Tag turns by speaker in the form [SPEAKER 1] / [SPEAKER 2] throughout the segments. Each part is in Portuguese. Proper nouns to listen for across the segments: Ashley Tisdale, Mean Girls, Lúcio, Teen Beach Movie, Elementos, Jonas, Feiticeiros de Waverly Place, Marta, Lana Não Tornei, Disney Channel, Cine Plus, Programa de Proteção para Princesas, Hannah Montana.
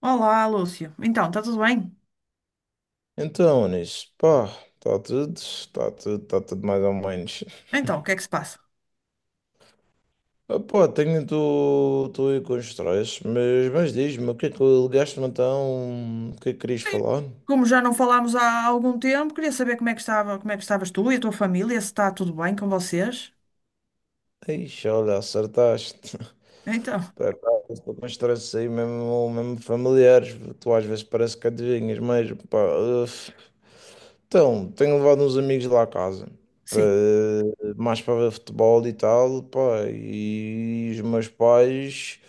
[SPEAKER 1] Olá, Lúcio. Então, está tudo bem?
[SPEAKER 2] Então, Anis, pá, está tudo mais ou menos.
[SPEAKER 1] Então, o que é que se passa?
[SPEAKER 2] Ah, pá, estou aí com estresse, mas diz-me, o que é que ligaste-me então? O que é que querias
[SPEAKER 1] Sim.
[SPEAKER 2] falar?
[SPEAKER 1] Como já não falámos há algum tempo, queria saber como é que estava, como é que estavas tu e a tua família, se está tudo bem com vocês.
[SPEAKER 2] Ixi, olha, acertaste.
[SPEAKER 1] Então,
[SPEAKER 2] Por acaso, estou com estresse aí, mesmo, mesmo familiares, tu às vezes parece que adivinhas mesmo, pá. Uf. Então, tenho levado uns amigos lá a casa. Pá,
[SPEAKER 1] sim,
[SPEAKER 2] mais para ver futebol e tal, pá, e os meus pais.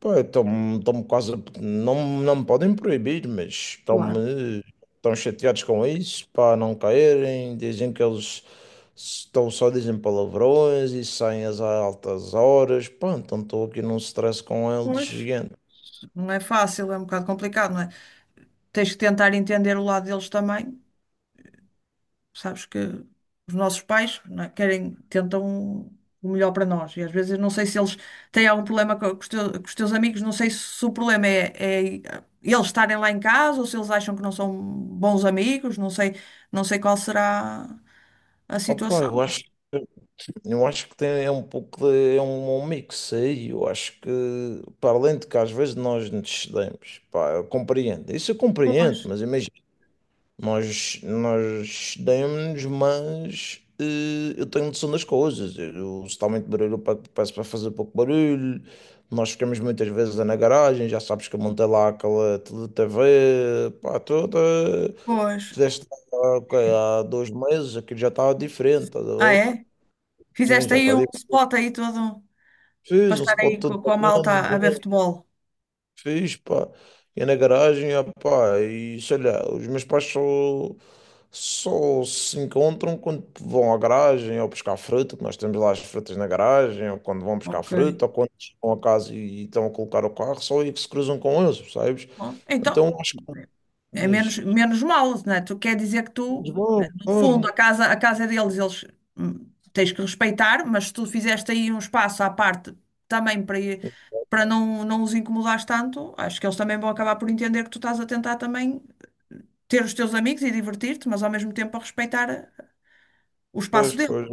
[SPEAKER 2] Pô, estão-me quase. Não, não me podem proibir, mas
[SPEAKER 1] claro.
[SPEAKER 2] estão-me. Estão chateados com isso, para não caírem. Dizem que eles estão só dizem palavrões e saem às altas horas. Pá, então estou aqui num stress com eles
[SPEAKER 1] Pois.
[SPEAKER 2] gigante.
[SPEAKER 1] Não é fácil, é um bocado complicado, não é? Tens que tentar entender o lado deles também. Sabes que os nossos pais, não é, querem, tentam o melhor para nós. E às vezes não sei se eles têm algum problema com com os teus amigos, não sei se o problema é eles estarem lá em casa ou se eles acham que não são bons amigos, não sei, não sei qual será a
[SPEAKER 2] Opa,
[SPEAKER 1] situação.
[SPEAKER 2] eu acho que tem, é um pouco de, é um mix aí. Eu acho que, para além de que às vezes nós nos cedemos, pá, eu compreendo. Isso eu
[SPEAKER 1] Pois,
[SPEAKER 2] compreendo, mas imagina. Nós demos, mas eu tenho noção das coisas. Eu, se está muito barulho, eu peço para fazer pouco barulho. Nós ficamos muitas vezes na garagem, já sabes que eu montei lá aquela TV, pá, toda.
[SPEAKER 1] pois.
[SPEAKER 2] Tiveste lá, ok, há 2 meses, aquilo já estava diferente, estás a
[SPEAKER 1] Ah,
[SPEAKER 2] ver?
[SPEAKER 1] é?
[SPEAKER 2] Sim,
[SPEAKER 1] Fizeste
[SPEAKER 2] já
[SPEAKER 1] aí
[SPEAKER 2] está
[SPEAKER 1] um
[SPEAKER 2] diferente.
[SPEAKER 1] spot aí todo para
[SPEAKER 2] Fiz um
[SPEAKER 1] estar
[SPEAKER 2] spot
[SPEAKER 1] aí
[SPEAKER 2] todo
[SPEAKER 1] com a malta
[SPEAKER 2] bacana.
[SPEAKER 1] a ver futebol.
[SPEAKER 2] Fiz, pá. Ia na garagem, ah, pá, e sei lá, os meus pais só se encontram quando vão à garagem ou buscar fruta, que nós temos lá as frutas na garagem, ou quando vão buscar
[SPEAKER 1] Ok.
[SPEAKER 2] fruta, ou quando chegam a casa e estão a colocar o carro, só aí que se cruzam com eles, percebes?
[SPEAKER 1] Bom, então.
[SPEAKER 2] Então acho que
[SPEAKER 1] É
[SPEAKER 2] diz,
[SPEAKER 1] menos, menos mal, não é? Tu quer dizer que
[SPEAKER 2] "Mas
[SPEAKER 1] tu, né,
[SPEAKER 2] vão,
[SPEAKER 1] no fundo,
[SPEAKER 2] claro.
[SPEAKER 1] a casa é deles, eles hum, tens que respeitar, mas se tu fizeste aí um espaço à parte também para não, não os incomodares tanto, acho que eles também vão acabar por entender que tu estás a tentar também ter os teus amigos e divertir-te, mas ao mesmo tempo a respeitar o espaço
[SPEAKER 2] Pois, pois,
[SPEAKER 1] deles.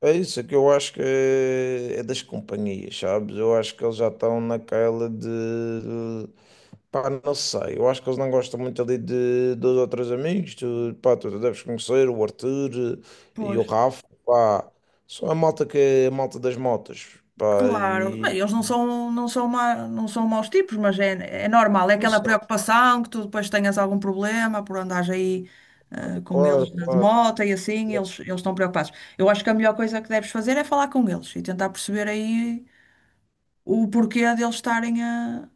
[SPEAKER 2] é isso, é que eu acho que é das companhias, sabes? Eu acho que eles já estão naquela de. Pá, não sei. Eu acho que eles não gostam muito ali de dois ou três amigos. Tu, pá, tu deves conhecer o Arthur e
[SPEAKER 1] Pois.
[SPEAKER 2] o Rafa. Pá, só a malta que é a malta das motas. Pá,
[SPEAKER 1] Claro, bem,
[SPEAKER 2] e.
[SPEAKER 1] eles não são maus tipos, mas é, é normal, é
[SPEAKER 2] Não
[SPEAKER 1] aquela
[SPEAKER 2] sei,
[SPEAKER 1] preocupação que tu depois tenhas algum problema por andares aí
[SPEAKER 2] claro,
[SPEAKER 1] com eles
[SPEAKER 2] claro,
[SPEAKER 1] de
[SPEAKER 2] claro.
[SPEAKER 1] moto e assim, eles estão preocupados. Eu acho que a melhor coisa que deves fazer é falar com eles e tentar perceber aí o porquê deles estarem a,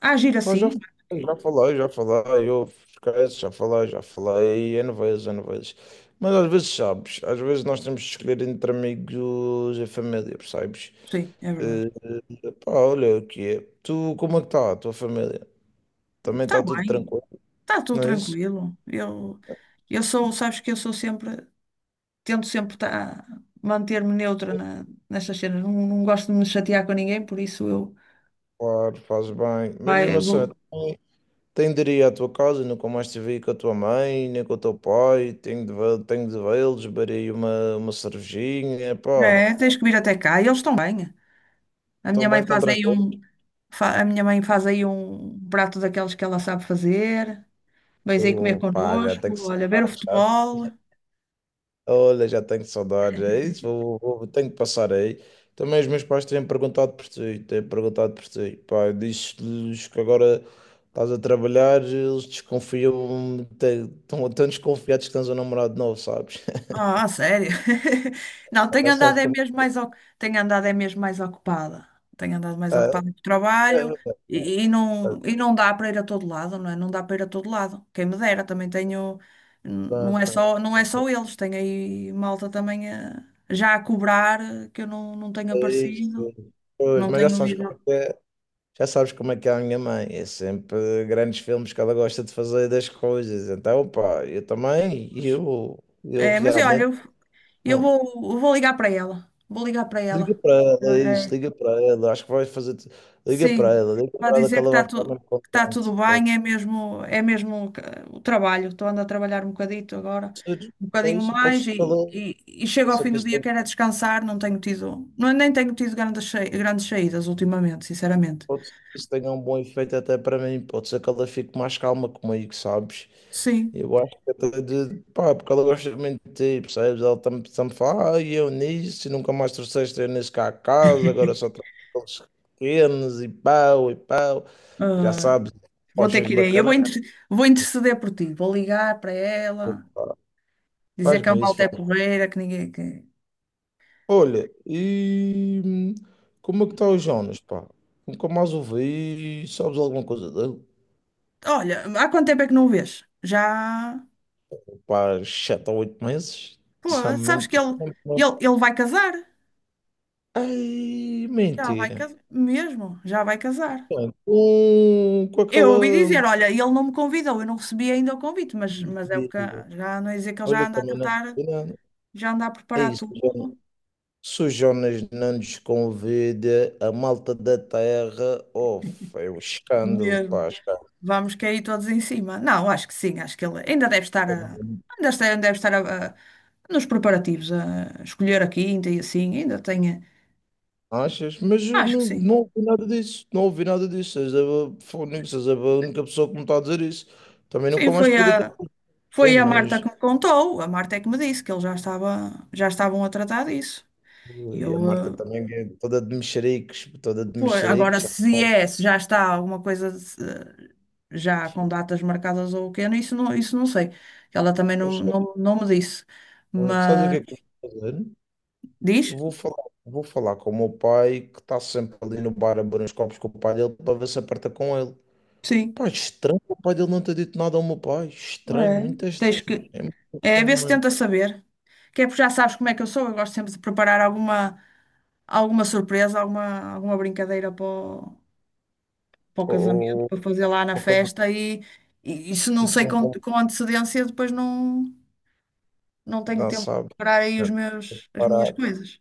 [SPEAKER 1] a agir
[SPEAKER 2] Mas já,
[SPEAKER 1] assim.
[SPEAKER 2] já falei, já falei, eu esqueço, já falei, N vezes, N vezes. Mas às vezes sabes, às vezes nós temos de escolher entre amigos e família, percebes?
[SPEAKER 1] Sim, é verdade.
[SPEAKER 2] Eh, pá, olha o que é. Tu, como é que está a tua família? Também
[SPEAKER 1] Está
[SPEAKER 2] está tudo
[SPEAKER 1] bem,
[SPEAKER 2] tranquilo,
[SPEAKER 1] está tudo
[SPEAKER 2] não é isso?
[SPEAKER 1] tranquilo. Eu sou, sabes que eu sou sempre. Tento sempre tá, manter-me neutra nestas cenas. Não, não gosto de me chatear com ninguém, por isso eu
[SPEAKER 2] Claro, faz bem. Mas
[SPEAKER 1] vai,
[SPEAKER 2] uma
[SPEAKER 1] vou.
[SPEAKER 2] cena, também tenho de ir à tua casa, nunca mais te vi com a tua mãe, nem com o teu pai, tenho de, tenho de vê-los, beberei uma cervejinha, pá,
[SPEAKER 1] É, tens que vir até cá. E eles estão bem. A minha
[SPEAKER 2] tão
[SPEAKER 1] mãe
[SPEAKER 2] bem, tão
[SPEAKER 1] faz aí
[SPEAKER 2] tranquilo.
[SPEAKER 1] um, a minha mãe faz aí um prato daqueles que ela sabe fazer. Vens aí comer
[SPEAKER 2] Opa, já tenho que
[SPEAKER 1] connosco, olha, ver o
[SPEAKER 2] saudades, sabe?
[SPEAKER 1] futebol.
[SPEAKER 2] Olha, já tenho saudades, é isso, tenho que passar aí. Também os meus pais têm perguntado por ti, têm perguntado por ti. Pá, diz-lhes que agora estás a trabalhar, eles desconfiam, estão tão desconfiados que tens um namorado novo, sabes?
[SPEAKER 1] Ah, a sério? Não,
[SPEAKER 2] Já sabes como
[SPEAKER 1] tenho andado é mesmo mais ocupada. Tenho andado mais
[SPEAKER 2] é.
[SPEAKER 1] ocupada com o
[SPEAKER 2] É,
[SPEAKER 1] trabalho
[SPEAKER 2] é,
[SPEAKER 1] e,
[SPEAKER 2] é,
[SPEAKER 1] e não dá para ir a todo lado, não é? Não dá para ir a todo lado. Quem me dera, também tenho, não é
[SPEAKER 2] é,
[SPEAKER 1] só, não é só eles, tenho aí malta também a já a cobrar que eu não, não tenho
[SPEAKER 2] é, é, é,
[SPEAKER 1] aparecido,
[SPEAKER 2] é, é, é, é,
[SPEAKER 1] não
[SPEAKER 2] mas já
[SPEAKER 1] tenho
[SPEAKER 2] sabes como
[SPEAKER 1] ido.
[SPEAKER 2] é. Já sabes como é que é a minha mãe, é sempre grandes filmes que ela gosta de fazer das coisas. Então, pá, eu também, eu
[SPEAKER 1] É, mas olha,
[SPEAKER 2] realmente
[SPEAKER 1] eu, eu
[SPEAKER 2] não.
[SPEAKER 1] vou, eu vou ligar para ela. Vou ligar para
[SPEAKER 2] Liga
[SPEAKER 1] ela.
[SPEAKER 2] para ela, é isso, liga para ela, acho que vai fazer.
[SPEAKER 1] Sim,
[SPEAKER 2] Liga
[SPEAKER 1] para
[SPEAKER 2] para ela que
[SPEAKER 1] dizer
[SPEAKER 2] ela vai ficar muito
[SPEAKER 1] que tá tudo
[SPEAKER 2] contente. É,
[SPEAKER 1] bem, é mesmo o trabalho. Estou andando a trabalhar um bocadito agora,
[SPEAKER 2] pode ser,
[SPEAKER 1] um
[SPEAKER 2] é
[SPEAKER 1] bocadinho
[SPEAKER 2] isso, pode ser
[SPEAKER 1] mais,
[SPEAKER 2] que ela,
[SPEAKER 1] e chego
[SPEAKER 2] pode
[SPEAKER 1] ao
[SPEAKER 2] ser
[SPEAKER 1] fim
[SPEAKER 2] que
[SPEAKER 1] do
[SPEAKER 2] isso
[SPEAKER 1] dia,
[SPEAKER 2] tenha,
[SPEAKER 1] quero é descansar, não tenho tido, não, nem tenho tido grandes saídas ultimamente, sinceramente.
[SPEAKER 2] pode ser que isso tenha um bom efeito até para mim, pode ser que ela fique mais calma comigo, sabes?
[SPEAKER 1] Sim,
[SPEAKER 2] Eu acho que até de, pá, porque ela gosta muito de ti, percebes? Ela sempre fala, ah, e eu nisso, e nunca mais trouxeste eu nisso cá a casa, agora só trago aqueles pequenos, e pau, e pau, e já
[SPEAKER 1] ah,
[SPEAKER 2] sabes,
[SPEAKER 1] vou ter
[SPEAKER 2] postas de
[SPEAKER 1] que ir aí.
[SPEAKER 2] bacalhau,
[SPEAKER 1] Vou interceder por ti, vou ligar para ela,
[SPEAKER 2] pá,
[SPEAKER 1] dizer que a
[SPEAKER 2] faz-me isso,
[SPEAKER 1] malta
[SPEAKER 2] faz
[SPEAKER 1] é porreira, que ninguém. Que...
[SPEAKER 2] olha, e como é que está o Jonas, pá? Nunca mais ouvi, sabes alguma coisa dele?
[SPEAKER 1] Olha, há quanto tempo é que não o vês? Já.
[SPEAKER 2] Pá, 7 ou 8 meses,
[SPEAKER 1] Pô,
[SPEAKER 2] sabe
[SPEAKER 1] sabes
[SPEAKER 2] muito
[SPEAKER 1] que
[SPEAKER 2] tempo.
[SPEAKER 1] ele vai casar?
[SPEAKER 2] Ai,
[SPEAKER 1] Já vai
[SPEAKER 2] mentira.
[SPEAKER 1] casar, mesmo, já vai casar.
[SPEAKER 2] Bem, com
[SPEAKER 1] Eu ouvi
[SPEAKER 2] aquela.
[SPEAKER 1] dizer, olha, ele não me convidou, eu não recebi ainda o convite, mas é o que
[SPEAKER 2] Digo,
[SPEAKER 1] já não é dizer que ele
[SPEAKER 2] olha,
[SPEAKER 1] já anda a
[SPEAKER 2] também na
[SPEAKER 1] tratar,
[SPEAKER 2] Argentina
[SPEAKER 1] já anda a
[SPEAKER 2] é
[SPEAKER 1] preparar
[SPEAKER 2] isso.
[SPEAKER 1] tudo
[SPEAKER 2] Jonas. Se não nos convida, a malta da terra, oh, é um escândalo,
[SPEAKER 1] mesmo.
[SPEAKER 2] pá, escândalo.
[SPEAKER 1] Vamos cair todos em cima. Não, acho que sim, acho que ele ainda deve estar a, ainda está- ainda deve estar a- nos preparativos, a escolher a quinta e assim, ainda tem.
[SPEAKER 2] Achas? Mas eu
[SPEAKER 1] Acho que
[SPEAKER 2] não,
[SPEAKER 1] sim.
[SPEAKER 2] não ouvi nada disso, não ouvi nada disso. Foi és a única pessoa que me está a dizer isso. Também
[SPEAKER 1] Sim,
[SPEAKER 2] nunca mais perguntei por quê,
[SPEAKER 1] foi a
[SPEAKER 2] mas
[SPEAKER 1] Marta que me contou, a Marta é que me disse que já estavam a tratar disso. E
[SPEAKER 2] e
[SPEAKER 1] eu,
[SPEAKER 2] a Marta também é toda de mexericos, toda de
[SPEAKER 1] pois agora,
[SPEAKER 2] mexericos. Já
[SPEAKER 1] se
[SPEAKER 2] sabe.
[SPEAKER 1] é, se já está alguma coisa já com datas marcadas ou o quê, isso não sei. Ela também
[SPEAKER 2] Mas,
[SPEAKER 1] não me disse.
[SPEAKER 2] Sabes o que
[SPEAKER 1] Mas
[SPEAKER 2] é que eu vou fazer?
[SPEAKER 1] diz?
[SPEAKER 2] Vou falar com o meu pai, que está sempre ali no bar a beber uns copos com o pai dele, para ver se aperta com ele.
[SPEAKER 1] Sim.
[SPEAKER 2] Pá, estranho, o pai dele não ter dito nada ao meu pai. Estranho,
[SPEAKER 1] É.
[SPEAKER 2] muito
[SPEAKER 1] Tens
[SPEAKER 2] estranho.
[SPEAKER 1] que.
[SPEAKER 2] É muito
[SPEAKER 1] É, ver
[SPEAKER 2] estranho
[SPEAKER 1] se
[SPEAKER 2] mesmo.
[SPEAKER 1] tenta saber. Que é porque já sabes como é que eu sou. Eu gosto sempre de preparar alguma surpresa, alguma brincadeira para o, para o casamento,
[SPEAKER 2] Ou,
[SPEAKER 1] para fazer lá na
[SPEAKER 2] ou coisa
[SPEAKER 1] festa. E se não
[SPEAKER 2] tipo,
[SPEAKER 1] sei
[SPEAKER 2] um bom,
[SPEAKER 1] com antecedência, depois não, não tenho
[SPEAKER 2] não
[SPEAKER 1] tempo de
[SPEAKER 2] sabe.
[SPEAKER 1] preparar aí os
[SPEAKER 2] Não,
[SPEAKER 1] meus, as minhas
[SPEAKER 2] parado.
[SPEAKER 1] coisas.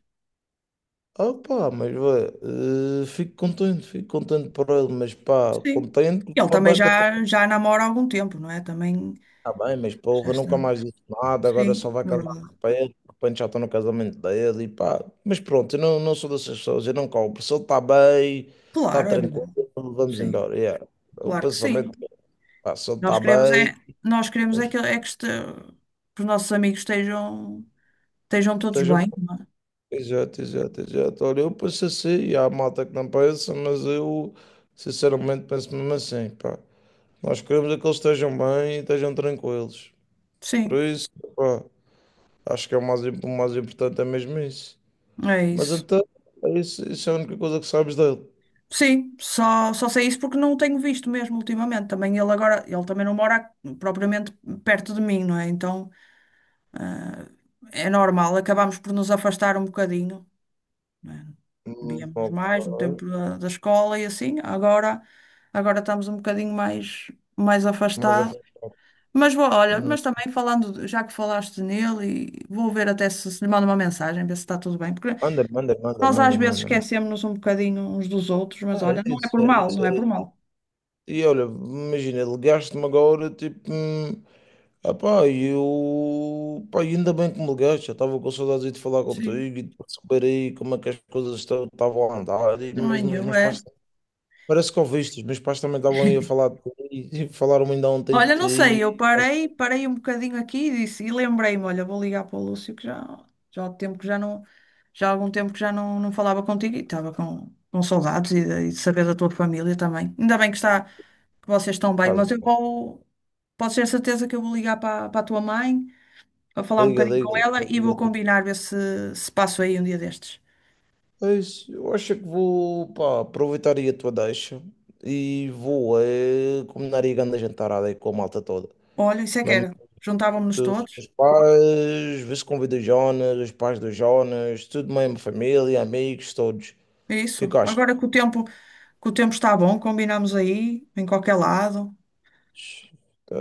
[SPEAKER 2] Ah, pá, mas vê, fico contente por ele, mas pá,
[SPEAKER 1] Sim.
[SPEAKER 2] contente com
[SPEAKER 1] Ele
[SPEAKER 2] uma
[SPEAKER 1] também
[SPEAKER 2] beca.
[SPEAKER 1] já, já namora há algum tempo, não é? Também
[SPEAKER 2] Tá bem, mas
[SPEAKER 1] já
[SPEAKER 2] porra,
[SPEAKER 1] está.
[SPEAKER 2] nunca mais disse nada, agora só
[SPEAKER 1] Sim,
[SPEAKER 2] vai
[SPEAKER 1] é
[SPEAKER 2] casar
[SPEAKER 1] verdade.
[SPEAKER 2] de repente já estou no casamento dele e pá. Mas pronto, eu não, não sou dessas pessoas, eu não cobro. Se ele está bem, está
[SPEAKER 1] Claro, é
[SPEAKER 2] tranquilo,
[SPEAKER 1] verdade.
[SPEAKER 2] vamos
[SPEAKER 1] Sim,
[SPEAKER 2] embora. Yeah. O
[SPEAKER 1] claro que sim.
[SPEAKER 2] pensamento, é, pá, se ele
[SPEAKER 1] Nós
[SPEAKER 2] está
[SPEAKER 1] queremos é,
[SPEAKER 2] bem,
[SPEAKER 1] nós queremos
[SPEAKER 2] vamos-
[SPEAKER 1] é que, este- que os nossos amigos estejam, estejam todos
[SPEAKER 2] esteja bom.
[SPEAKER 1] bem, não é?
[SPEAKER 2] Exato, exato, exato. Olha, eu penso assim, e há malta que não pensa, mas eu sinceramente penso mesmo assim, pá. Nós queremos é que eles estejam bem e estejam tranquilos. Por
[SPEAKER 1] Sim,
[SPEAKER 2] isso, pá, acho que é o mais, o mais importante é mesmo isso.
[SPEAKER 1] é
[SPEAKER 2] Mas
[SPEAKER 1] isso.
[SPEAKER 2] então, é isso, isso é a única coisa que sabes dele.
[SPEAKER 1] Sim, só, só sei isso porque não o tenho visto mesmo ultimamente. Também ele agora, ele também não mora propriamente perto de mim, não é? Então eh, é normal, acabamos por nos afastar um bocadinho. Né? Víamos
[SPEAKER 2] Ok.
[SPEAKER 1] mais no tempo da, da escola e assim. Agora, agora estamos um bocadinho mais, mais
[SPEAKER 2] Mas a
[SPEAKER 1] afastados.
[SPEAKER 2] frente. Ok.
[SPEAKER 1] Mas vou, olha,
[SPEAKER 2] hum,
[SPEAKER 1] mas também falando, já que falaste nele, e vou ver até se, se lhe mando uma mensagem, ver se está tudo bem. Porque
[SPEAKER 2] manda-lhe, manda-lhe, manda-lhe,
[SPEAKER 1] nós às
[SPEAKER 2] manda-lhe,
[SPEAKER 1] vezes
[SPEAKER 2] manda-lhe.
[SPEAKER 1] esquecemos-nos um bocadinho uns dos outros, mas olha,
[SPEAKER 2] É
[SPEAKER 1] não é
[SPEAKER 2] isso,
[SPEAKER 1] por
[SPEAKER 2] é
[SPEAKER 1] mal,
[SPEAKER 2] isso,
[SPEAKER 1] não
[SPEAKER 2] é
[SPEAKER 1] é por
[SPEAKER 2] isso.
[SPEAKER 1] mal.
[SPEAKER 2] E olha, imagina, ligaste-me agora, tipo, ah pá, e eu, pá, e ainda bem que me ligaste, eu estava com saudades de falar contigo
[SPEAKER 1] Sim,
[SPEAKER 2] e de saber aí como é que as coisas estavam a andar, e
[SPEAKER 1] não é
[SPEAKER 2] mesmo os
[SPEAKER 1] nenhum,
[SPEAKER 2] meus
[SPEAKER 1] é.
[SPEAKER 2] pais, parece que ouviste, os meus pais também estavam aí a falar de ti, e falaram ainda ontem de
[SPEAKER 1] Olha, não sei,
[SPEAKER 2] ti,
[SPEAKER 1] eu parei, parei um bocadinho aqui e disse, e lembrei-me, olha, vou ligar para o Lúcio que já, já há tempo que já não, já há algum tempo que já não, não falava contigo e estava com saudades e de saber da tua família também. Ainda bem que está, que vocês estão bem,
[SPEAKER 2] faz,
[SPEAKER 1] mas eu
[SPEAKER 2] bom.
[SPEAKER 1] vou, posso ter certeza que eu vou ligar para, para a tua mãe, a falar um
[SPEAKER 2] Liga,
[SPEAKER 1] bocadinho
[SPEAKER 2] liga,
[SPEAKER 1] com ela
[SPEAKER 2] liga,
[SPEAKER 1] e vou
[SPEAKER 2] liga.
[SPEAKER 1] combinar ver se, se passo aí um dia destes.
[SPEAKER 2] É isso. Eu acho que vou, pá, aproveitar aí a tua deixa e vou é, combinar aí a grande jantarada aí com a malta toda.
[SPEAKER 1] Olha, isso é que
[SPEAKER 2] Mesmo
[SPEAKER 1] era.
[SPEAKER 2] os
[SPEAKER 1] Juntávamos-nos todos.
[SPEAKER 2] teus pais, vê se convida o Jonas, os pais do Jonas, tudo mesmo, família, amigos, todos.
[SPEAKER 1] É
[SPEAKER 2] O que é que
[SPEAKER 1] isso.
[SPEAKER 2] achas?
[SPEAKER 1] Agora que o tempo está bom, combinamos aí, em qualquer lado.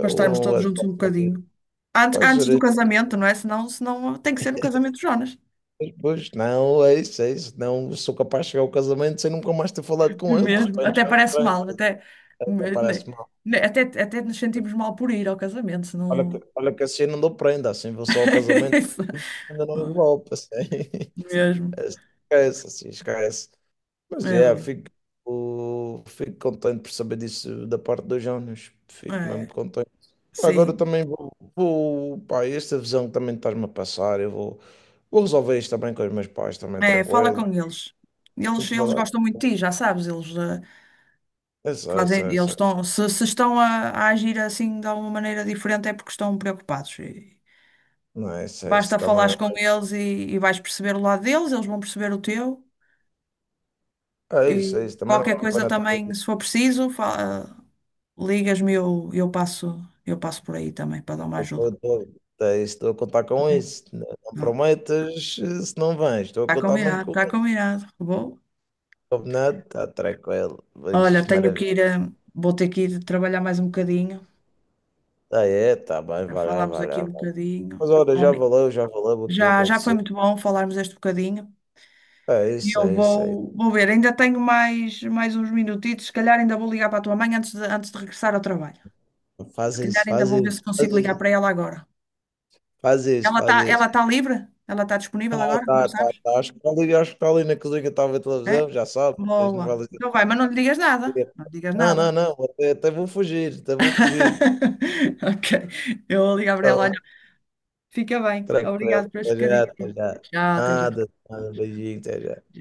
[SPEAKER 1] Para estarmos todos
[SPEAKER 2] é,
[SPEAKER 1] juntos um bocadinho. Antes,
[SPEAKER 2] vai ser
[SPEAKER 1] antes do
[SPEAKER 2] isso.
[SPEAKER 1] casamento, não é? Senão, senão tem que ser no casamento de Jonas.
[SPEAKER 2] Pois, não, é isso, é isso. Não sou capaz de chegar ao casamento sem nunca mais ter falado com ele. De
[SPEAKER 1] Mesmo.
[SPEAKER 2] repente,
[SPEAKER 1] Até
[SPEAKER 2] já me
[SPEAKER 1] parece
[SPEAKER 2] prende.
[SPEAKER 1] mal, até,
[SPEAKER 2] Até
[SPEAKER 1] ne-
[SPEAKER 2] parece mal.
[SPEAKER 1] até, até nos sentimos mal por ir ao casamento, senão.
[SPEAKER 2] Olha que assim não dou prenda, assim vou só ao casamento,
[SPEAKER 1] Isso.
[SPEAKER 2] ainda não me golpe, assim.
[SPEAKER 1] Mesmo.
[SPEAKER 2] Esquece, assim, esquece. Mas
[SPEAKER 1] É
[SPEAKER 2] yeah,
[SPEAKER 1] verdade.
[SPEAKER 2] fico, fico contente por saber disso da parte do Jonas. Fico mesmo
[SPEAKER 1] É,
[SPEAKER 2] contente. Agora
[SPEAKER 1] sim.
[SPEAKER 2] também vou, vou, pá, esta visão que também estás-me a passar, eu vou resolver isto também com os meus pais, também
[SPEAKER 1] É, fala
[SPEAKER 2] tranquilo.
[SPEAKER 1] com eles.
[SPEAKER 2] Tenho
[SPEAKER 1] Eles,
[SPEAKER 2] que
[SPEAKER 1] eles
[SPEAKER 2] falar.
[SPEAKER 1] gostam muito de ti, já sabes. Eles,
[SPEAKER 2] É só, é
[SPEAKER 1] fazem,
[SPEAKER 2] só, é
[SPEAKER 1] eles
[SPEAKER 2] só.
[SPEAKER 1] estão, se estão a agir assim de alguma maneira diferente é porque estão preocupados. E-
[SPEAKER 2] Não, é isso
[SPEAKER 1] Basta falares
[SPEAKER 2] também.
[SPEAKER 1] com eles e vais perceber o lado deles, eles vão perceber o teu.
[SPEAKER 2] É
[SPEAKER 1] E
[SPEAKER 2] isso, é isso. Também não
[SPEAKER 1] qualquer
[SPEAKER 2] vale a
[SPEAKER 1] coisa
[SPEAKER 2] pena estar
[SPEAKER 1] também, se for preciso, ligas-me eu passo por aí também para dar uma
[SPEAKER 2] eu
[SPEAKER 1] ajuda.
[SPEAKER 2] estou é isso, estou a contar
[SPEAKER 1] Tá
[SPEAKER 2] com
[SPEAKER 1] bem?
[SPEAKER 2] isso. Não, não
[SPEAKER 1] Não.
[SPEAKER 2] prometas se não vens. Estou a
[SPEAKER 1] Está
[SPEAKER 2] contar mesmo
[SPEAKER 1] combinado,
[SPEAKER 2] com
[SPEAKER 1] está
[SPEAKER 2] isso.
[SPEAKER 1] combinado. Vou.
[SPEAKER 2] Combinado? Está tranquilo.
[SPEAKER 1] Olha,
[SPEAKER 2] Ixi,
[SPEAKER 1] tenho que
[SPEAKER 2] maravilha.
[SPEAKER 1] ir, vou ter que ir trabalhar mais um bocadinho.
[SPEAKER 2] Ah, é, tá bem,
[SPEAKER 1] Já
[SPEAKER 2] vai lá,
[SPEAKER 1] falámos
[SPEAKER 2] vai
[SPEAKER 1] aqui
[SPEAKER 2] lá.
[SPEAKER 1] um bocadinho.
[SPEAKER 2] Mas olha,
[SPEAKER 1] Obri-
[SPEAKER 2] já valeu o que ia
[SPEAKER 1] Já, já foi
[SPEAKER 2] conversar.
[SPEAKER 1] muito bom falarmos este bocadinho.
[SPEAKER 2] É
[SPEAKER 1] E
[SPEAKER 2] isso,
[SPEAKER 1] eu
[SPEAKER 2] é isso,
[SPEAKER 1] vou,
[SPEAKER 2] é isso.
[SPEAKER 1] vou ver, ainda tenho mais, mais uns minutitos, se calhar ainda vou ligar para a tua mãe antes de regressar ao trabalho. Se
[SPEAKER 2] Faz
[SPEAKER 1] calhar
[SPEAKER 2] isso,
[SPEAKER 1] ainda
[SPEAKER 2] faz
[SPEAKER 1] vou ver se
[SPEAKER 2] isso, faz
[SPEAKER 1] consigo ligar
[SPEAKER 2] isso,
[SPEAKER 1] para ela agora.
[SPEAKER 2] faz isso,
[SPEAKER 1] Ela
[SPEAKER 2] faz
[SPEAKER 1] está,
[SPEAKER 2] isso.
[SPEAKER 1] ela tá livre? Ela está disponível
[SPEAKER 2] Tá,
[SPEAKER 1] agora? Não
[SPEAKER 2] tá, tá,
[SPEAKER 1] sabes?
[SPEAKER 2] tá. Acho que está ali, acho que tá ali na cozinha, estava a ver
[SPEAKER 1] É?
[SPEAKER 2] televisão, já sabe, as
[SPEAKER 1] Boa.
[SPEAKER 2] novelas da
[SPEAKER 1] Então vai, mas não lhe digas nada.
[SPEAKER 2] TV.
[SPEAKER 1] Não lhe digas
[SPEAKER 2] Não, não,
[SPEAKER 1] nada.
[SPEAKER 2] não, até, até vou fugir, até vou fugir.
[SPEAKER 1] Ok. Eu vou ligar para ela. Olha,
[SPEAKER 2] Então,
[SPEAKER 1] fica bem. Obrigado
[SPEAKER 2] tranquilo,
[SPEAKER 1] pelas
[SPEAKER 2] até já,
[SPEAKER 1] bocadinhas.
[SPEAKER 2] até já.
[SPEAKER 1] Tchau, até já.
[SPEAKER 2] Nada, nada, beijinho, até já.